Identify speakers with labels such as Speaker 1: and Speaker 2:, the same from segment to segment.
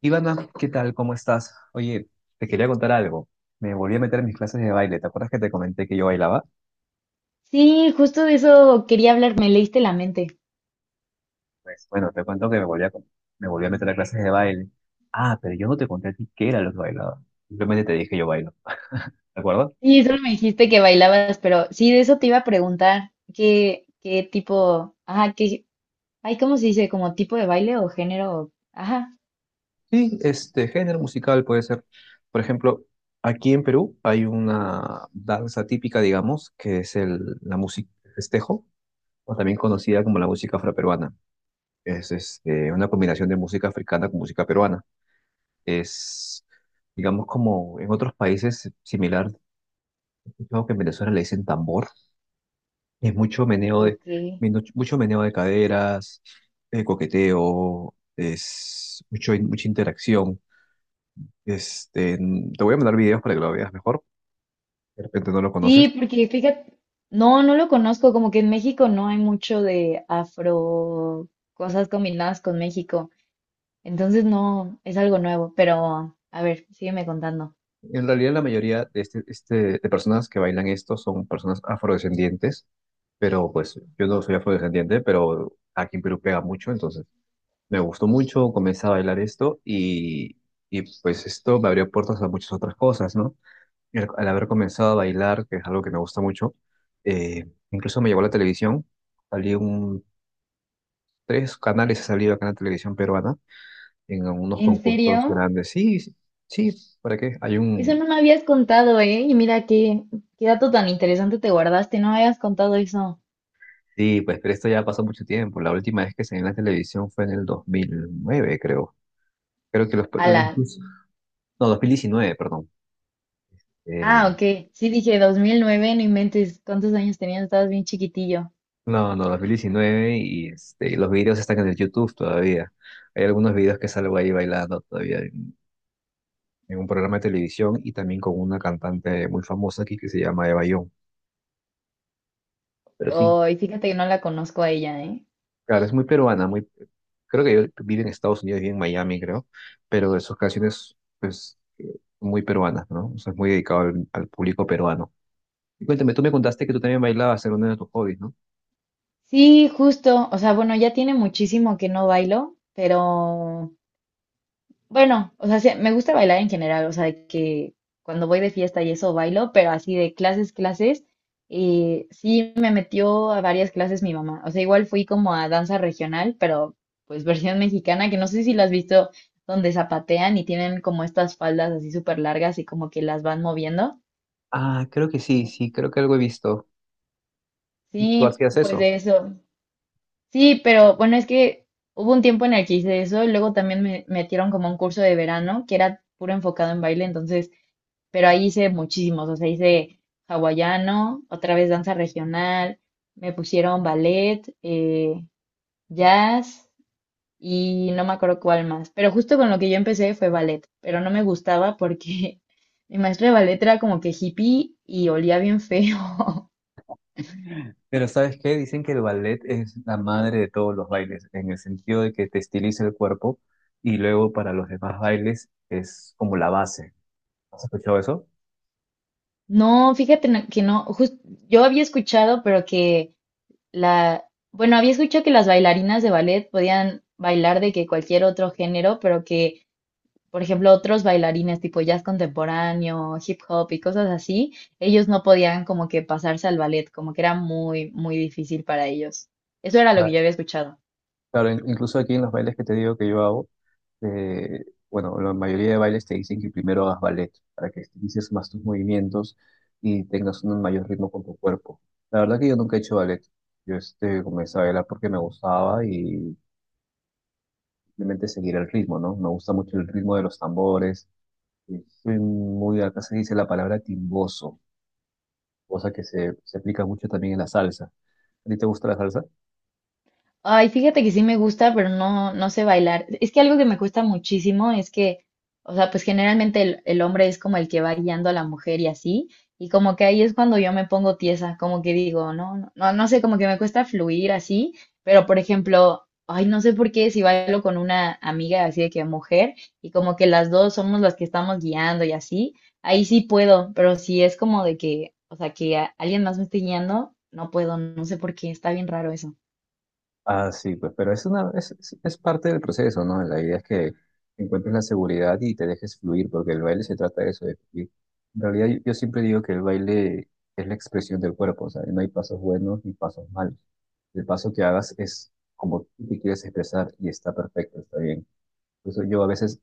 Speaker 1: Ivana, ¿qué tal? ¿Cómo estás? Oye, te quería contar algo. Me volví a meter en mis clases de baile. ¿Te acuerdas que te comenté que yo bailaba?
Speaker 2: Sí, justo de eso quería hablar, me leíste la mente.
Speaker 1: Pues bueno, te cuento que me volví a meter a clases de baile. Ah, pero yo no te conté a ti qué era lo que bailaba. Simplemente te dije yo bailo. ¿De acuerdo?
Speaker 2: Sí, solo me dijiste que bailabas, pero sí, de eso te iba a preguntar, ¿qué, qué tipo, ajá, qué, ay, ¿cómo se dice? ¿Como tipo de baile o género? Ajá,
Speaker 1: Sí, género musical puede ser. Por ejemplo, aquí en Perú hay una danza típica, digamos, que es la música festejo, o también conocida como la música afroperuana. Es una combinación de música africana con música peruana. Es, digamos, como en otros países similar, creo que en Venezuela le dicen tambor. Es mucho meneo de,
Speaker 2: ok.
Speaker 1: mucho meneo de caderas, coqueteo, es mucha interacción. Te voy a mandar videos para que lo veas mejor. De repente no lo
Speaker 2: Sí,
Speaker 1: conoces.
Speaker 2: porque fíjate, no, no lo conozco, como que en México no hay mucho de afro, cosas combinadas con México, entonces no, es algo nuevo, pero a ver, sígueme contando.
Speaker 1: En realidad, la mayoría de, de personas que bailan esto son personas afrodescendientes, pero pues yo no soy afrodescendiente, pero aquí en Perú pega mucho, entonces me gustó mucho, comencé a bailar esto y pues esto me abrió puertas a muchas otras cosas, ¿no? Y al haber comenzado a bailar, que es algo que me gusta mucho, incluso me llevó a la televisión, salí un, tres canales he salido acá en la televisión peruana, en unos
Speaker 2: ¿En
Speaker 1: concursos
Speaker 2: serio?
Speaker 1: grandes. Sí, sí, sí, ¿para qué? Hay
Speaker 2: Eso
Speaker 1: un...
Speaker 2: no me habías contado, ¿eh? Y mira qué, qué dato tan interesante te guardaste, no me habías contado eso.
Speaker 1: Sí, pues pero esto ya pasó mucho tiempo, la última vez que salí en la televisión fue en el 2009, creo. Creo que los...
Speaker 2: Ala.
Speaker 1: incluso- No, 2019, perdón.
Speaker 2: Ah,
Speaker 1: Eh,
Speaker 2: ok. Sí, dije 2009, no inventes. ¿Cuántos años tenías? Estabas bien chiquitillo.
Speaker 1: No, no, 2019 y los videos están en el YouTube todavía. Hay algunos videos que salgo ahí bailando todavía en un programa de televisión y también con una cantante muy famosa aquí que se llama Eva Young. Pero sí,
Speaker 2: Oh, y fíjate que no la conozco a ella, ¿eh?
Speaker 1: claro, es muy peruana, muy, creo que yo vive en Estados Unidos, vive en Miami, creo, pero de sus canciones, pues, muy peruanas, ¿no? O sea, es muy dedicado al público peruano. Y cuéntame, tú me contaste que tú también bailabas, era uno de tus hobbies, ¿no?
Speaker 2: Sí, justo. O sea, bueno, ya tiene muchísimo que no bailo, pero bueno, o sea, sí, me gusta bailar en general, o sea, de que cuando voy de fiesta y eso bailo, pero así de clases, clases, sí me metió a varias clases mi mamá. O sea, igual fui como a danza regional, pero pues versión mexicana, que no sé si la has visto, donde zapatean y tienen como estas faldas así súper largas y como que las van moviendo.
Speaker 1: Ah, creo que sí, sí, creo que algo he visto. ¿Y tú
Speaker 2: Sí,
Speaker 1: hacías
Speaker 2: pues
Speaker 1: eso?
Speaker 2: de eso. Sí, pero bueno, es que hubo un tiempo en el que hice eso, y luego también me metieron como un curso de verano que era puro enfocado en baile, entonces pero ahí hice muchísimos, o sea, hice hawaiano, otra vez danza regional, me pusieron ballet, jazz y no me acuerdo cuál más, pero justo con lo que yo empecé fue ballet, pero no me gustaba porque mi maestra de ballet era como que hippie y olía bien feo.
Speaker 1: Pero ¿sabes qué? Dicen que el ballet es la madre de todos los bailes, en el sentido de que te estiliza el cuerpo y luego para los demás bailes es como la base. ¿Has escuchado eso?
Speaker 2: No, fíjate que no, yo había escuchado, pero que la, bueno, había escuchado que las bailarinas de ballet podían bailar de que cualquier otro género, pero que por ejemplo, otros bailarines tipo jazz contemporáneo, hip hop y cosas así, ellos no podían como que pasarse al ballet, como que era muy, muy difícil para ellos. Eso era lo que yo
Speaker 1: Claro,
Speaker 2: había escuchado.
Speaker 1: claro, incluso aquí en los bailes que te digo que yo hago, bueno, la mayoría de bailes te dicen que primero hagas ballet para que estilices más tus movimientos y tengas un mayor ritmo con tu cuerpo. La verdad que yo nunca he hecho ballet. Yo comencé a bailar porque me gustaba y simplemente seguir el ritmo, ¿no? Me gusta mucho el ritmo de los tambores. Es acá se dice la palabra timboso, cosa que se aplica mucho también en la salsa. ¿A ti te gusta la salsa?
Speaker 2: Ay, fíjate que sí me gusta, pero no, no sé bailar. Es que algo que me cuesta muchísimo es que, o sea, pues generalmente el hombre es como el que va guiando a la mujer y así, y como que ahí es cuando yo me pongo tiesa, como que digo, no, no, no, no sé, como que me cuesta fluir así, pero por ejemplo, ay, no sé por qué si bailo con una amiga así de que mujer, y como que las dos somos las que estamos guiando y así, ahí sí puedo, pero si es como de que, o sea, que alguien más me esté guiando, no puedo, no sé por qué, está bien raro eso.
Speaker 1: Ah, sí, pues, pero es una, es parte del proceso, ¿no? La idea es que encuentres la seguridad y te dejes fluir, porque el baile se trata de eso, de fluir. En realidad, yo siempre digo que el baile es la expresión del cuerpo, o sea, no hay pasos buenos ni pasos malos. El paso que hagas es como tú te quieres expresar y está perfecto, está bien. Por eso yo a veces,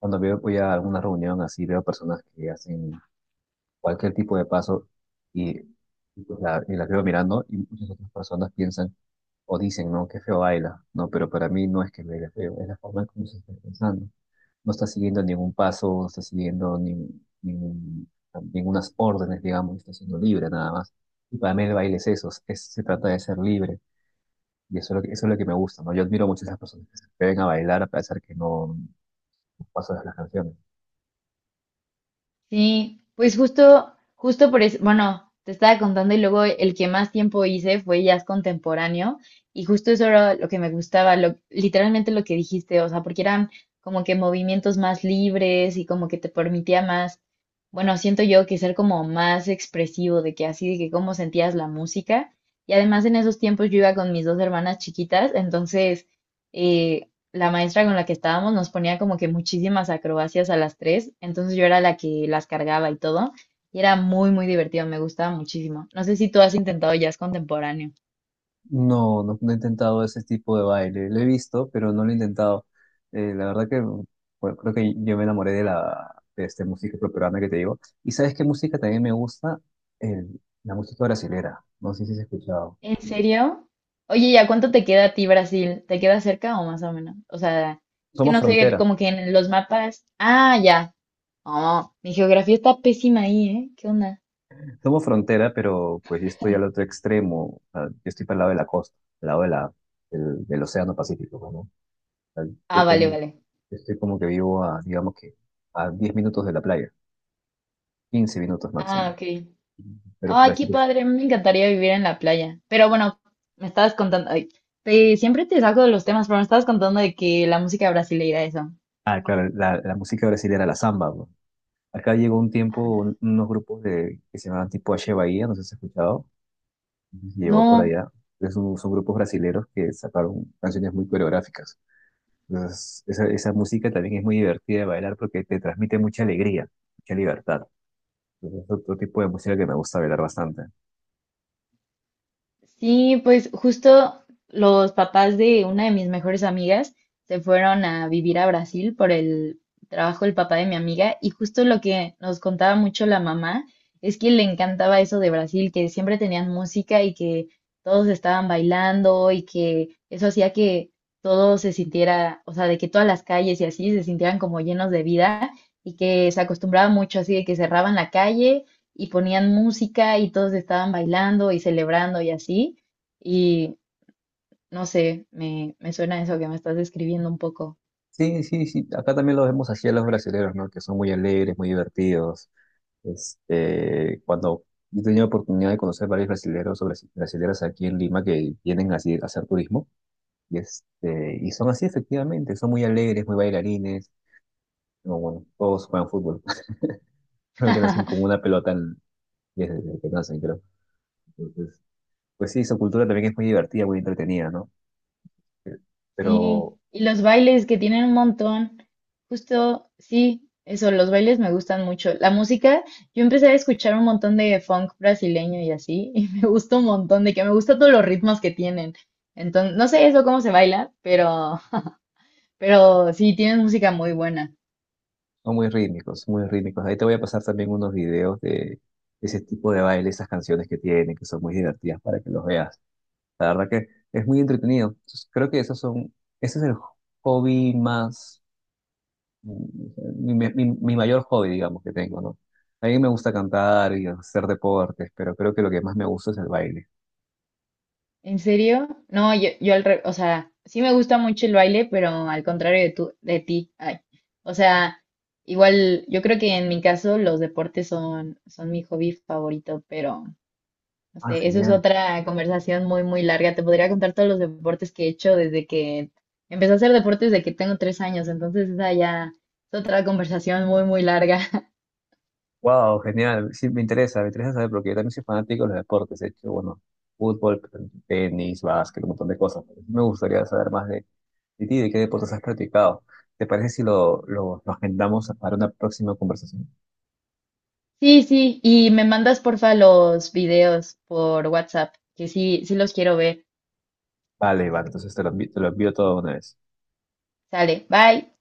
Speaker 1: cuando veo, voy a alguna reunión así, veo personas que hacen cualquier tipo de paso y, y la veo mirando y muchas otras personas piensan o dicen, no, qué feo baila, no, pero para mí no es que baile feo, es la forma en cómo se está pensando. No está siguiendo ningún paso, no está siguiendo ningún- ningún- ningunas órdenes, digamos, está siendo libre nada más. Y para mí el baile es eso, se trata de ser libre. Y eso es lo que me gusta, ¿no? Yo admiro mucho a esas personas que se atreven a bailar a pesar que no pasan las canciones.
Speaker 2: Sí, pues justo, justo por eso, bueno, te estaba contando y luego el que más tiempo hice fue jazz contemporáneo y justo eso era lo que me gustaba, lo, literalmente lo que dijiste, o sea, porque eran como que movimientos más libres y como que te permitía más, bueno, siento yo que ser como más expresivo de que así, de que cómo sentías la música y además en esos tiempos yo iba con mis dos hermanas chiquitas, entonces eh, la maestra con la que estábamos nos ponía como que muchísimas acrobacias a las tres, entonces yo era la que las cargaba y todo, y era muy, muy divertido, me gustaba muchísimo. No sé si tú has intentado jazz contemporáneo.
Speaker 1: No, no, no he intentado ese tipo de baile. Lo he visto, pero no lo he intentado. La verdad que bueno, creo que yo me enamoré de la música peruana que te digo. ¿Y sabes qué música también me gusta? La música brasilera. No sé si has escuchado.
Speaker 2: ¿En serio? Oye, ¿y a cuánto te queda a ti Brasil? ¿Te queda cerca o más o menos? O sea, es que
Speaker 1: Somos
Speaker 2: no sé,
Speaker 1: frontera.
Speaker 2: como que en los mapas. Ah, ya. Oh, mi geografía está pésima ahí, ¿eh? ¿Qué onda?
Speaker 1: Somos frontera, pero pues yo estoy al otro extremo. O sea, yo estoy para el lado de la costa, al lado de del Océano Pacífico, pues, ¿no? O sea,
Speaker 2: Ah,
Speaker 1: yo
Speaker 2: vale,
Speaker 1: tengo,
Speaker 2: vale.
Speaker 1: yo estoy como que vivo a, digamos que, a 10 minutos de la playa, 15 minutos
Speaker 2: Ah,
Speaker 1: máximo.
Speaker 2: ok.
Speaker 1: Pero,
Speaker 2: Ay,
Speaker 1: pero
Speaker 2: qué padre, me encantaría vivir en la playa. Pero bueno, me estabas contando, ay, siempre te saco de los temas, pero me estabas contando de que la música brasileira, eso.
Speaker 1: Ah, claro, la música brasileña, la samba, bro. Acá llegó un tiempo
Speaker 2: Ah.
Speaker 1: unos grupos de, que se llamaban tipo H Bahía, no sé si has escuchado. Ujú, llegó por
Speaker 2: No.
Speaker 1: allá. Son grupos brasileños que sacaron canciones muy coreográficas. Entonces, esa música también es muy divertida de bailar porque te transmite mucha alegría, mucha libertad. Entonces, es otro tipo de música que me gusta bailar bastante.
Speaker 2: Sí, pues justo los papás de una de mis mejores amigas se fueron a vivir a Brasil por el trabajo del papá de mi amiga y justo lo que nos contaba mucho la mamá es que le encantaba eso de Brasil, que siempre tenían música y que todos estaban bailando y que eso hacía que todo se sintiera, o sea, de que todas las calles y así se sintieran como llenos de vida y que se acostumbraba mucho así de que cerraban la calle y ponían música y todos estaban bailando y celebrando y así. Y no sé, me suena eso que me estás describiendo un poco.
Speaker 1: Sí, sí, sí, acá también lo vemos así a los brasileños, ¿no? Que son muy alegres, muy divertidos. Cuando yo he tenido oportunidad de conocer varios brasileros o brasileras aquí en Lima que vienen así a hacer turismo, y, y son así efectivamente, son muy alegres, muy bailarines, no, bueno, todos juegan fútbol, creo que nacen como una pelota desde que nacen, creo. Entonces, pues sí, su cultura también es muy divertida, muy entretenida, ¿no? Eh,
Speaker 2: Sí,
Speaker 1: Pero
Speaker 2: y los bailes que tienen un montón. Justo, sí, eso, los bailes me gustan mucho. La música, yo empecé a escuchar un montón de funk brasileño y así, y me gusta un montón, de que me gustan todos los ritmos que tienen. Entonces, no sé eso cómo se baila, pero, pero sí, tienen música muy buena.
Speaker 1: son muy rítmicos, muy rítmicos. Ahí te voy a pasar también unos videos de ese tipo de baile, esas canciones que tienen, que son muy divertidas para que los veas. La verdad que es muy entretenido. Entonces, creo que ese es el hobby más, mi mayor hobby, digamos, que tengo, ¿no? A mí me gusta cantar y hacer deportes, pero creo que lo que más me gusta es el baile.
Speaker 2: ¿En serio? No, yo al revés, o sea, sí me gusta mucho el baile, pero al contrario de tú, de ti. Ay. O sea, igual, yo creo que en mi caso los deportes son mi hobby favorito, pero no
Speaker 1: Ah,
Speaker 2: sé, eso es
Speaker 1: genial.
Speaker 2: otra conversación muy, muy larga. Te podría contar todos los deportes que he hecho desde que empecé a hacer deportes desde que tengo 3 años, entonces esa ya es otra conversación muy, muy larga.
Speaker 1: Wow, genial. Sí, me interesa saber porque yo también soy fanático de los deportes. He hecho, bueno, fútbol, tenis, básquet, un montón de cosas. Me gustaría saber más de ti, de qué deportes has practicado. ¿Te parece si lo agendamos para una próxima conversación?
Speaker 2: Sí, sí, y me mandas porfa los videos por WhatsApp, que sí, sí los quiero ver.
Speaker 1: Vale, vale, entonces te lo envío, todo de una vez.
Speaker 2: Sale, bye.